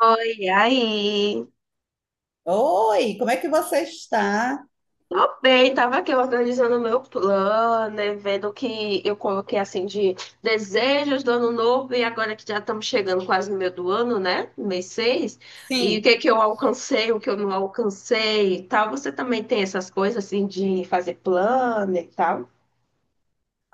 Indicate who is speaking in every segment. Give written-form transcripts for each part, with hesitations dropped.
Speaker 1: Oi, aí?
Speaker 2: Oi, como é que você está?
Speaker 1: Tô bem, tava aqui organizando o meu plano, né, vendo o que eu coloquei assim de desejos do ano novo e agora que já estamos chegando quase no meio do ano, né? Mês 6. E o
Speaker 2: Sim.
Speaker 1: que que eu alcancei, o que eu não alcancei e tal. Você também tem essas coisas assim de fazer plano e tal?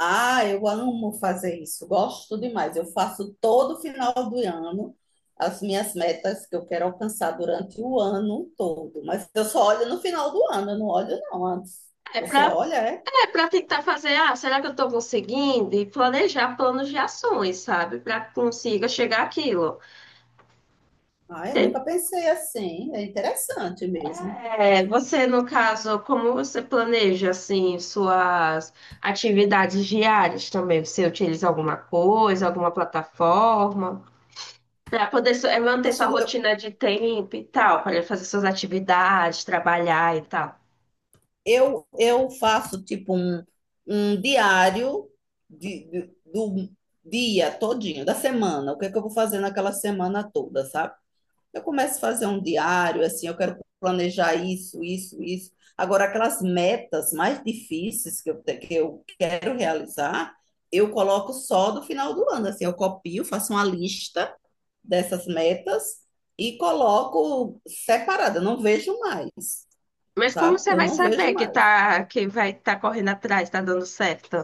Speaker 2: Ah, eu amo fazer isso, gosto demais. Eu faço todo final do ano as minhas metas que eu quero alcançar durante o ano todo, mas eu só olho no final do ano, eu não olho não antes.
Speaker 1: É
Speaker 2: Você
Speaker 1: pra,
Speaker 2: olha, é?
Speaker 1: é pra tentar fazer, ah, será que eu tô conseguindo? E planejar planos de ações, sabe? Pra que consiga chegar àquilo.
Speaker 2: Ah, eu nunca pensei assim, é interessante mesmo.
Speaker 1: É, você, no caso, como você planeja, assim, suas atividades diárias também? Você utiliza alguma coisa, alguma plataforma, para poder
Speaker 2: Eu
Speaker 1: manter sua
Speaker 2: gosto.
Speaker 1: rotina de tempo e tal, para fazer suas atividades, trabalhar e tal.
Speaker 2: Eu, eu faço tipo um um diário do dia todinho, da semana, o que é que eu vou fazer naquela semana toda, sabe? Eu começo a fazer um diário, assim, eu quero planejar isso, isso, isso. Agora, aquelas metas mais difíceis que eu quero realizar, eu coloco só do final do ano, assim, eu copio, faço uma lista dessas metas e coloco separada, eu não vejo mais,
Speaker 1: Mas como
Speaker 2: sabe?
Speaker 1: você
Speaker 2: Eu
Speaker 1: vai
Speaker 2: não vejo
Speaker 1: saber que
Speaker 2: mais.
Speaker 1: tá, que vai estar correndo atrás, tá dando certo?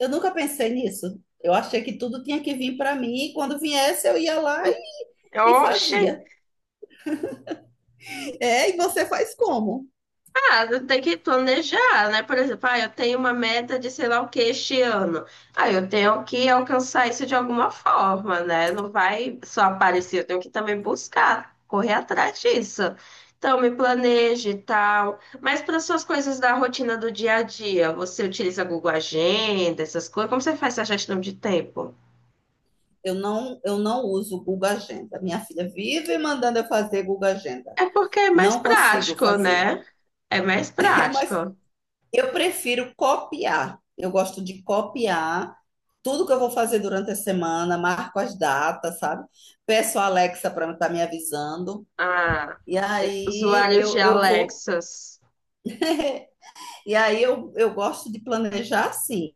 Speaker 2: Eu nunca pensei nisso. Eu achei que tudo tinha que vir para mim e quando viesse eu ia lá e
Speaker 1: Oxe!
Speaker 2: fazia. É, e você faz como?
Speaker 1: Ah, tem que planejar, né? Por exemplo, ah, eu tenho uma meta de sei lá o que este ano. Ah, eu tenho que alcançar isso de alguma forma, né? Não vai só aparecer, eu tenho que também buscar, correr atrás disso. Então, me planeje e tal. Mas para suas coisas da rotina do dia a dia, você utiliza Google Agenda, essas coisas? Como você faz essa gestão de tempo?
Speaker 2: Eu não uso Google Agenda. Minha filha vive mandando eu fazer Google Agenda.
Speaker 1: É porque é mais
Speaker 2: Não consigo
Speaker 1: prático,
Speaker 2: fazer.
Speaker 1: né? É mais
Speaker 2: É,
Speaker 1: prático.
Speaker 2: mas eu prefiro copiar. Eu gosto de copiar tudo que eu vou fazer durante a semana, marco as datas, sabe? Peço a Alexa para estar me avisando.
Speaker 1: Ah,
Speaker 2: E aí
Speaker 1: usuários
Speaker 2: eu,
Speaker 1: de
Speaker 2: eu vou.
Speaker 1: Alexas.
Speaker 2: E aí eu gosto de planejar sim,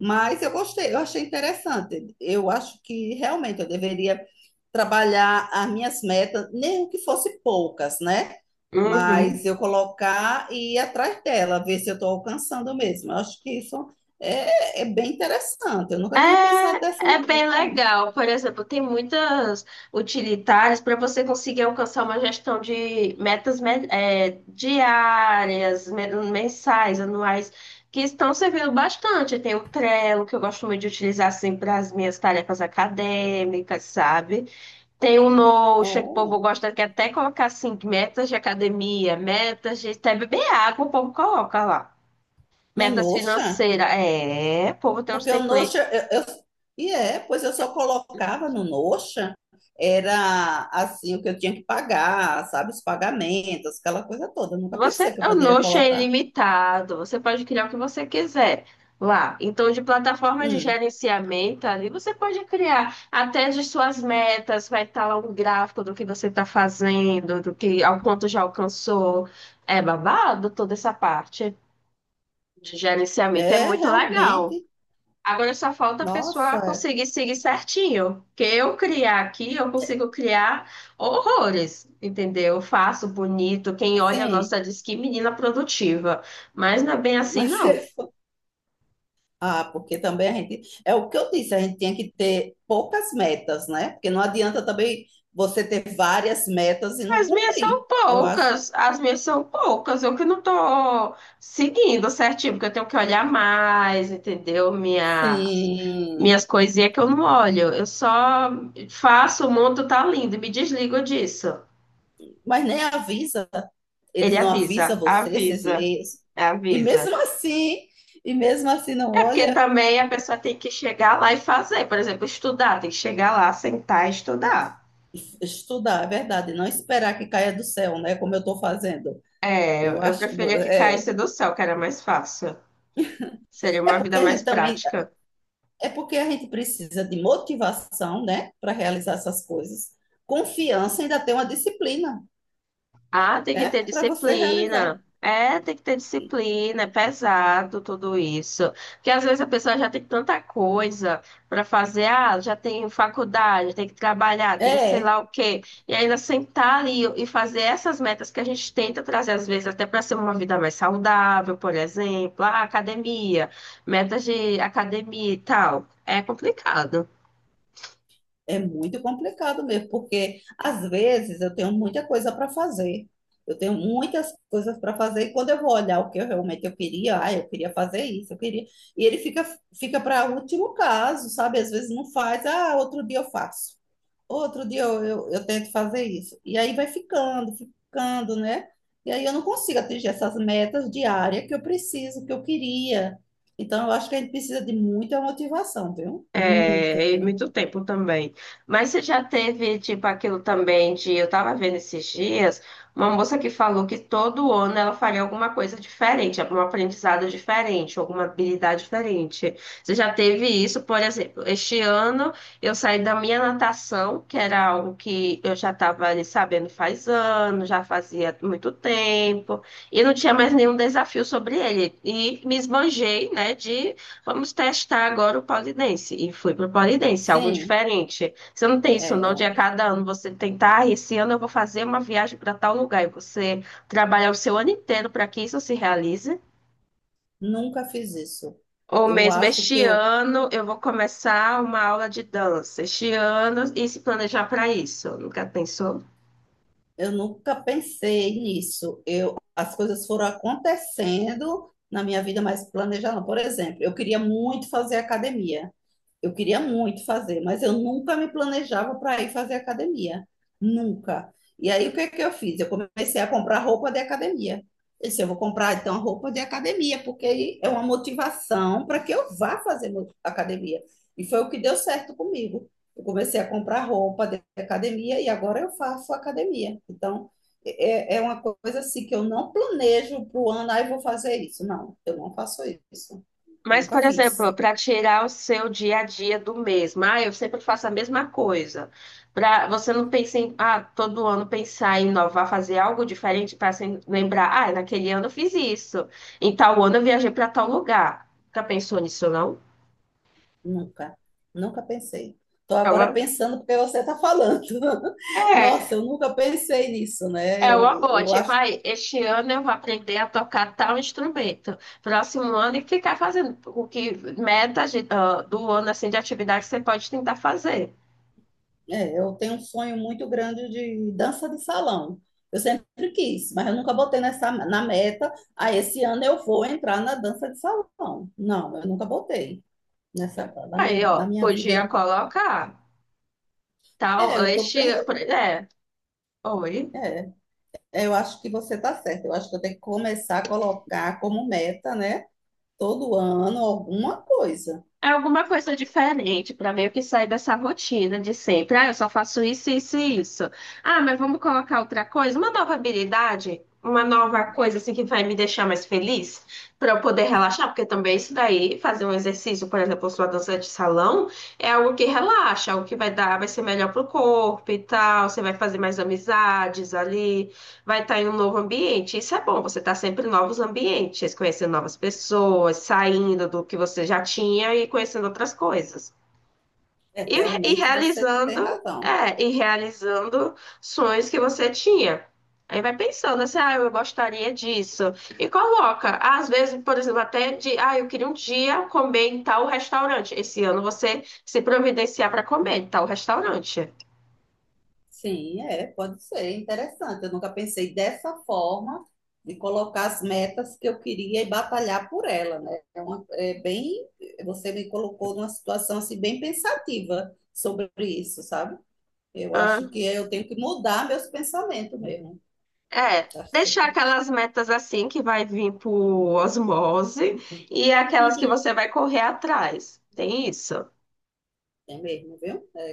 Speaker 2: mas eu gostei, eu achei interessante. Eu acho que realmente eu deveria trabalhar as minhas metas, nem que fosse poucas, né?
Speaker 1: Uhum.
Speaker 2: Mas eu colocar e ir atrás dela, ver se eu estou alcançando mesmo. Eu acho que isso é bem interessante. Eu nunca tinha pensado dessa
Speaker 1: É, é
Speaker 2: maneira.
Speaker 1: bem legal. Por exemplo, tem muitas utilitárias para você conseguir alcançar uma gestão de metas diárias, mensais, anuais, que estão servindo bastante. Tem o Trello, que eu gosto muito de utilizar assim para as minhas tarefas acadêmicas, sabe? Tem o Notion, que o povo
Speaker 2: Oh,
Speaker 1: gosta que é até colocar assim, metas de academia, metas de até beber água, o povo coloca lá.
Speaker 2: no
Speaker 1: Metas
Speaker 2: Notion?
Speaker 1: financeiras. É, o povo tem uns
Speaker 2: Porque o Notion,
Speaker 1: templates.
Speaker 2: e é, pois eu só colocava no Notion, era assim o que eu tinha que pagar, sabe, os pagamentos, aquela coisa toda. Eu nunca pensei
Speaker 1: Você,
Speaker 2: que eu
Speaker 1: o
Speaker 2: poderia
Speaker 1: Notion é
Speaker 2: colocar.
Speaker 1: ilimitado, você pode criar o que você quiser lá. Então, de plataforma de
Speaker 2: Hum,
Speaker 1: gerenciamento ali, você pode criar até de suas metas, vai estar lá um gráfico do que você está fazendo, do que ao quanto já alcançou. É babado toda essa parte de gerenciamento, é
Speaker 2: é
Speaker 1: muito legal.
Speaker 2: realmente,
Speaker 1: Agora só falta a pessoa
Speaker 2: nossa,
Speaker 1: conseguir seguir certinho. Que eu criar aqui, eu consigo criar horrores, entendeu? Eu faço bonito, quem olha,
Speaker 2: assim,
Speaker 1: nossa, diz que menina produtiva. Mas não é bem assim,
Speaker 2: mas
Speaker 1: não.
Speaker 2: ah, porque também a gente, é o que eu disse, a gente tinha que ter poucas metas, né? Porque não adianta também você ter várias metas e não
Speaker 1: As minhas
Speaker 2: cumprir.
Speaker 1: são
Speaker 2: Eu acho.
Speaker 1: poucas, as minhas são poucas. Eu que não tô seguindo certinho, porque eu tenho que olhar mais, entendeu? Minhas,
Speaker 2: Sim,
Speaker 1: minhas coisinhas que eu não olho. Eu só faço, o mundo tá lindo e me desligo disso.
Speaker 2: mas nem avisa. Eles
Speaker 1: Ele
Speaker 2: não avisam
Speaker 1: avisa,
Speaker 2: você esses
Speaker 1: avisa,
Speaker 2: meios. E
Speaker 1: avisa.
Speaker 2: mesmo assim, e mesmo assim não
Speaker 1: É porque
Speaker 2: olha.
Speaker 1: também a pessoa tem que chegar lá e fazer, por exemplo, estudar, tem que chegar lá, sentar e estudar.
Speaker 2: Estudar, é verdade, não esperar que caia do céu, né? Como eu estou fazendo.
Speaker 1: É, eu
Speaker 2: Eu
Speaker 1: eu
Speaker 2: acho que
Speaker 1: preferia que
Speaker 2: é.
Speaker 1: caísse do céu, que era mais fácil. Seria
Speaker 2: É
Speaker 1: uma
Speaker 2: porque
Speaker 1: vida
Speaker 2: a
Speaker 1: mais
Speaker 2: gente também,
Speaker 1: prática.
Speaker 2: é porque a gente precisa de motivação, né, para realizar essas coisas. Confiança ainda tem uma disciplina,
Speaker 1: Ah, tem que
Speaker 2: né,
Speaker 1: ter
Speaker 2: para você realizar.
Speaker 1: disciplina. É, tem que ter disciplina, é pesado tudo isso. Porque às vezes a pessoa já tem tanta coisa para fazer, ah, já tem faculdade, tem que trabalhar, tem que sei lá
Speaker 2: É.
Speaker 1: o quê. E ainda sentar ali e fazer essas metas que a gente tenta trazer, às vezes, até para ser uma vida mais saudável, por exemplo, ah, academia, metas de academia e tal. É complicado.
Speaker 2: É muito complicado mesmo, porque às vezes eu tenho muita coisa para fazer. Eu tenho muitas coisas para fazer e quando eu vou olhar o que eu realmente eu queria, ah, eu queria fazer isso, eu queria. E ele fica fica para último caso, sabe? Às vezes não faz, ah, outro dia eu faço. Outro dia eu tento fazer isso. E aí vai ficando, ficando, né? E aí eu não consigo atingir essas metas diárias que eu preciso, que eu queria. Então eu acho que a gente precisa de muita motivação, viu? Muita.
Speaker 1: É, e muito tempo também. Mas você já teve, tipo, aquilo também de. Eu tava vendo esses dias uma moça que falou que todo ano ela faria alguma coisa diferente, algum aprendizado diferente, alguma habilidade diferente. Você já teve isso, por exemplo, este ano eu saí da minha natação, que era algo que eu já estava ali sabendo faz anos, já fazia muito tempo, e não tinha mais nenhum desafio sobre ele. E me esbanjei, né, vamos testar agora o pole dance. E fui pro pole dance, algo
Speaker 2: Sim.
Speaker 1: diferente. Você não tem isso, não, de
Speaker 2: É,
Speaker 1: a cada ano você tentar, ah, esse ano eu vou fazer uma viagem para tal lugar, e você trabalhar o seu ano inteiro para que isso se realize.
Speaker 2: nunca fiz isso.
Speaker 1: Ou
Speaker 2: Eu
Speaker 1: mesmo
Speaker 2: acho que
Speaker 1: este
Speaker 2: eu,
Speaker 1: ano eu vou começar uma aula de dança, este ano e se planejar para isso. Nunca pensou?
Speaker 2: eu nunca pensei nisso. Eu, as coisas foram acontecendo na minha vida, mas planejar não. Por exemplo, eu queria muito fazer academia. Eu queria muito fazer, mas eu nunca me planejava para ir fazer academia. Nunca. E aí, o que é que eu fiz? Eu comecei a comprar roupa de academia. Eu disse, eu vou comprar, então, roupa de academia, porque aí é uma motivação para que eu vá fazer academia. E foi o que deu certo comigo. Eu comecei a comprar roupa de academia e agora eu faço academia. Então, é uma coisa assim que eu não planejo para o ano, aí vou fazer isso. Não, eu não faço isso.
Speaker 1: Mas, por
Speaker 2: Nunca fiz.
Speaker 1: exemplo, para tirar o seu dia a dia do mesmo, ah, eu sempre faço a mesma coisa. Para você não pensar em, ah, todo ano pensar em inovar, fazer algo diferente para se lembrar, ah, naquele ano eu fiz isso, em tal ano eu viajei para tal lugar. Já pensou nisso, não?
Speaker 2: Nunca, nunca pensei. Estou agora
Speaker 1: Ela,
Speaker 2: pensando porque você está falando. Nossa, eu
Speaker 1: é,
Speaker 2: nunca pensei nisso, né?
Speaker 1: é uma boa. Tipo, ai, este ano eu vou aprender a tocar tal instrumento. Próximo ano e ficar fazendo o que meta do ano assim de atividade que você pode tentar fazer.
Speaker 2: É, eu tenho um sonho muito grande de dança de salão. Eu sempre quis, mas eu nunca botei nessa, na meta. Ah, esse ano eu vou entrar na dança de salão. Não, eu nunca botei nessa, na
Speaker 1: Aí,
Speaker 2: minha, na
Speaker 1: ó,
Speaker 2: minha vida. Eu
Speaker 1: podia
Speaker 2: nunca-
Speaker 1: colocar
Speaker 2: É,
Speaker 1: tal, este, é, oi.
Speaker 2: é, eu acho que você está certo. Eu acho que eu tenho que começar a colocar como meta, né? Todo ano alguma coisa.
Speaker 1: É alguma coisa diferente para meio que sair dessa rotina de sempre. Ah, eu só faço isso, isso e isso. Ah, mas vamos colocar outra coisa, uma nova habilidade, uma nova coisa assim que vai me deixar mais feliz, para eu poder relaxar, porque também isso daí, fazer um exercício, por exemplo, sua dança de salão, é algo que relaxa, algo que vai dar, vai ser melhor pro corpo e tal, você vai fazer mais amizades ali. Vai estar em um novo ambiente. Isso é bom, você está sempre em novos ambientes, conhecendo novas pessoas, saindo do que você já tinha e conhecendo outras coisas.
Speaker 2: É,
Speaker 1: E, e
Speaker 2: realmente você tem
Speaker 1: realizando,
Speaker 2: razão.
Speaker 1: é, e realizando sonhos que você tinha. Aí vai pensando assim, ah, eu gostaria disso. E coloca, às vezes, por exemplo, até de, ah, eu queria um dia comer em tal restaurante. Esse ano você se providenciar para comer em tal restaurante.
Speaker 2: Sim, é, pode ser interessante. Eu nunca pensei dessa forma de colocar as metas que eu queria e batalhar por ela, né? É bem, você me colocou numa situação assim bem pensativa sobre isso, sabe? Eu acho que eu tenho que mudar meus pensamentos mesmo.
Speaker 1: É,
Speaker 2: Acho que-
Speaker 1: deixar aquelas metas assim que vai vir por osmose e aquelas que você vai correr atrás. Tem isso?
Speaker 2: É mesmo, viu? É,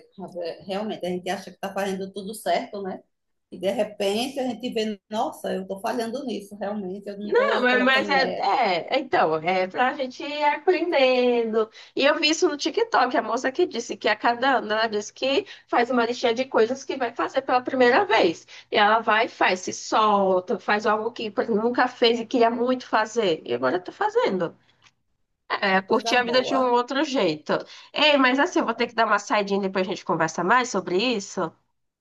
Speaker 2: é, Realmente a gente acha que está fazendo tudo certo, né? E de repente a gente vê, nossa, eu estou falhando nisso, realmente, eu não
Speaker 1: Não,
Speaker 2: estou
Speaker 1: mas
Speaker 2: colocando
Speaker 1: é,
Speaker 2: meta.
Speaker 1: é, então, é pra gente ir aprendendo. E eu vi isso no TikTok, a moça que disse que a cada ano ela disse que faz uma listinha de coisas que vai fazer pela primeira vez. E ela vai e faz, se solta, faz algo que nunca fez e queria muito fazer. E agora tá fazendo. É,
Speaker 2: Que
Speaker 1: curtir
Speaker 2: coisa
Speaker 1: a vida de um
Speaker 2: boa.
Speaker 1: outro jeito. Ei, mas assim, eu vou ter que dar uma saidinha depois a gente conversa mais sobre isso.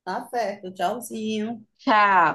Speaker 2: Tá certo, tchauzinho.
Speaker 1: Tchau.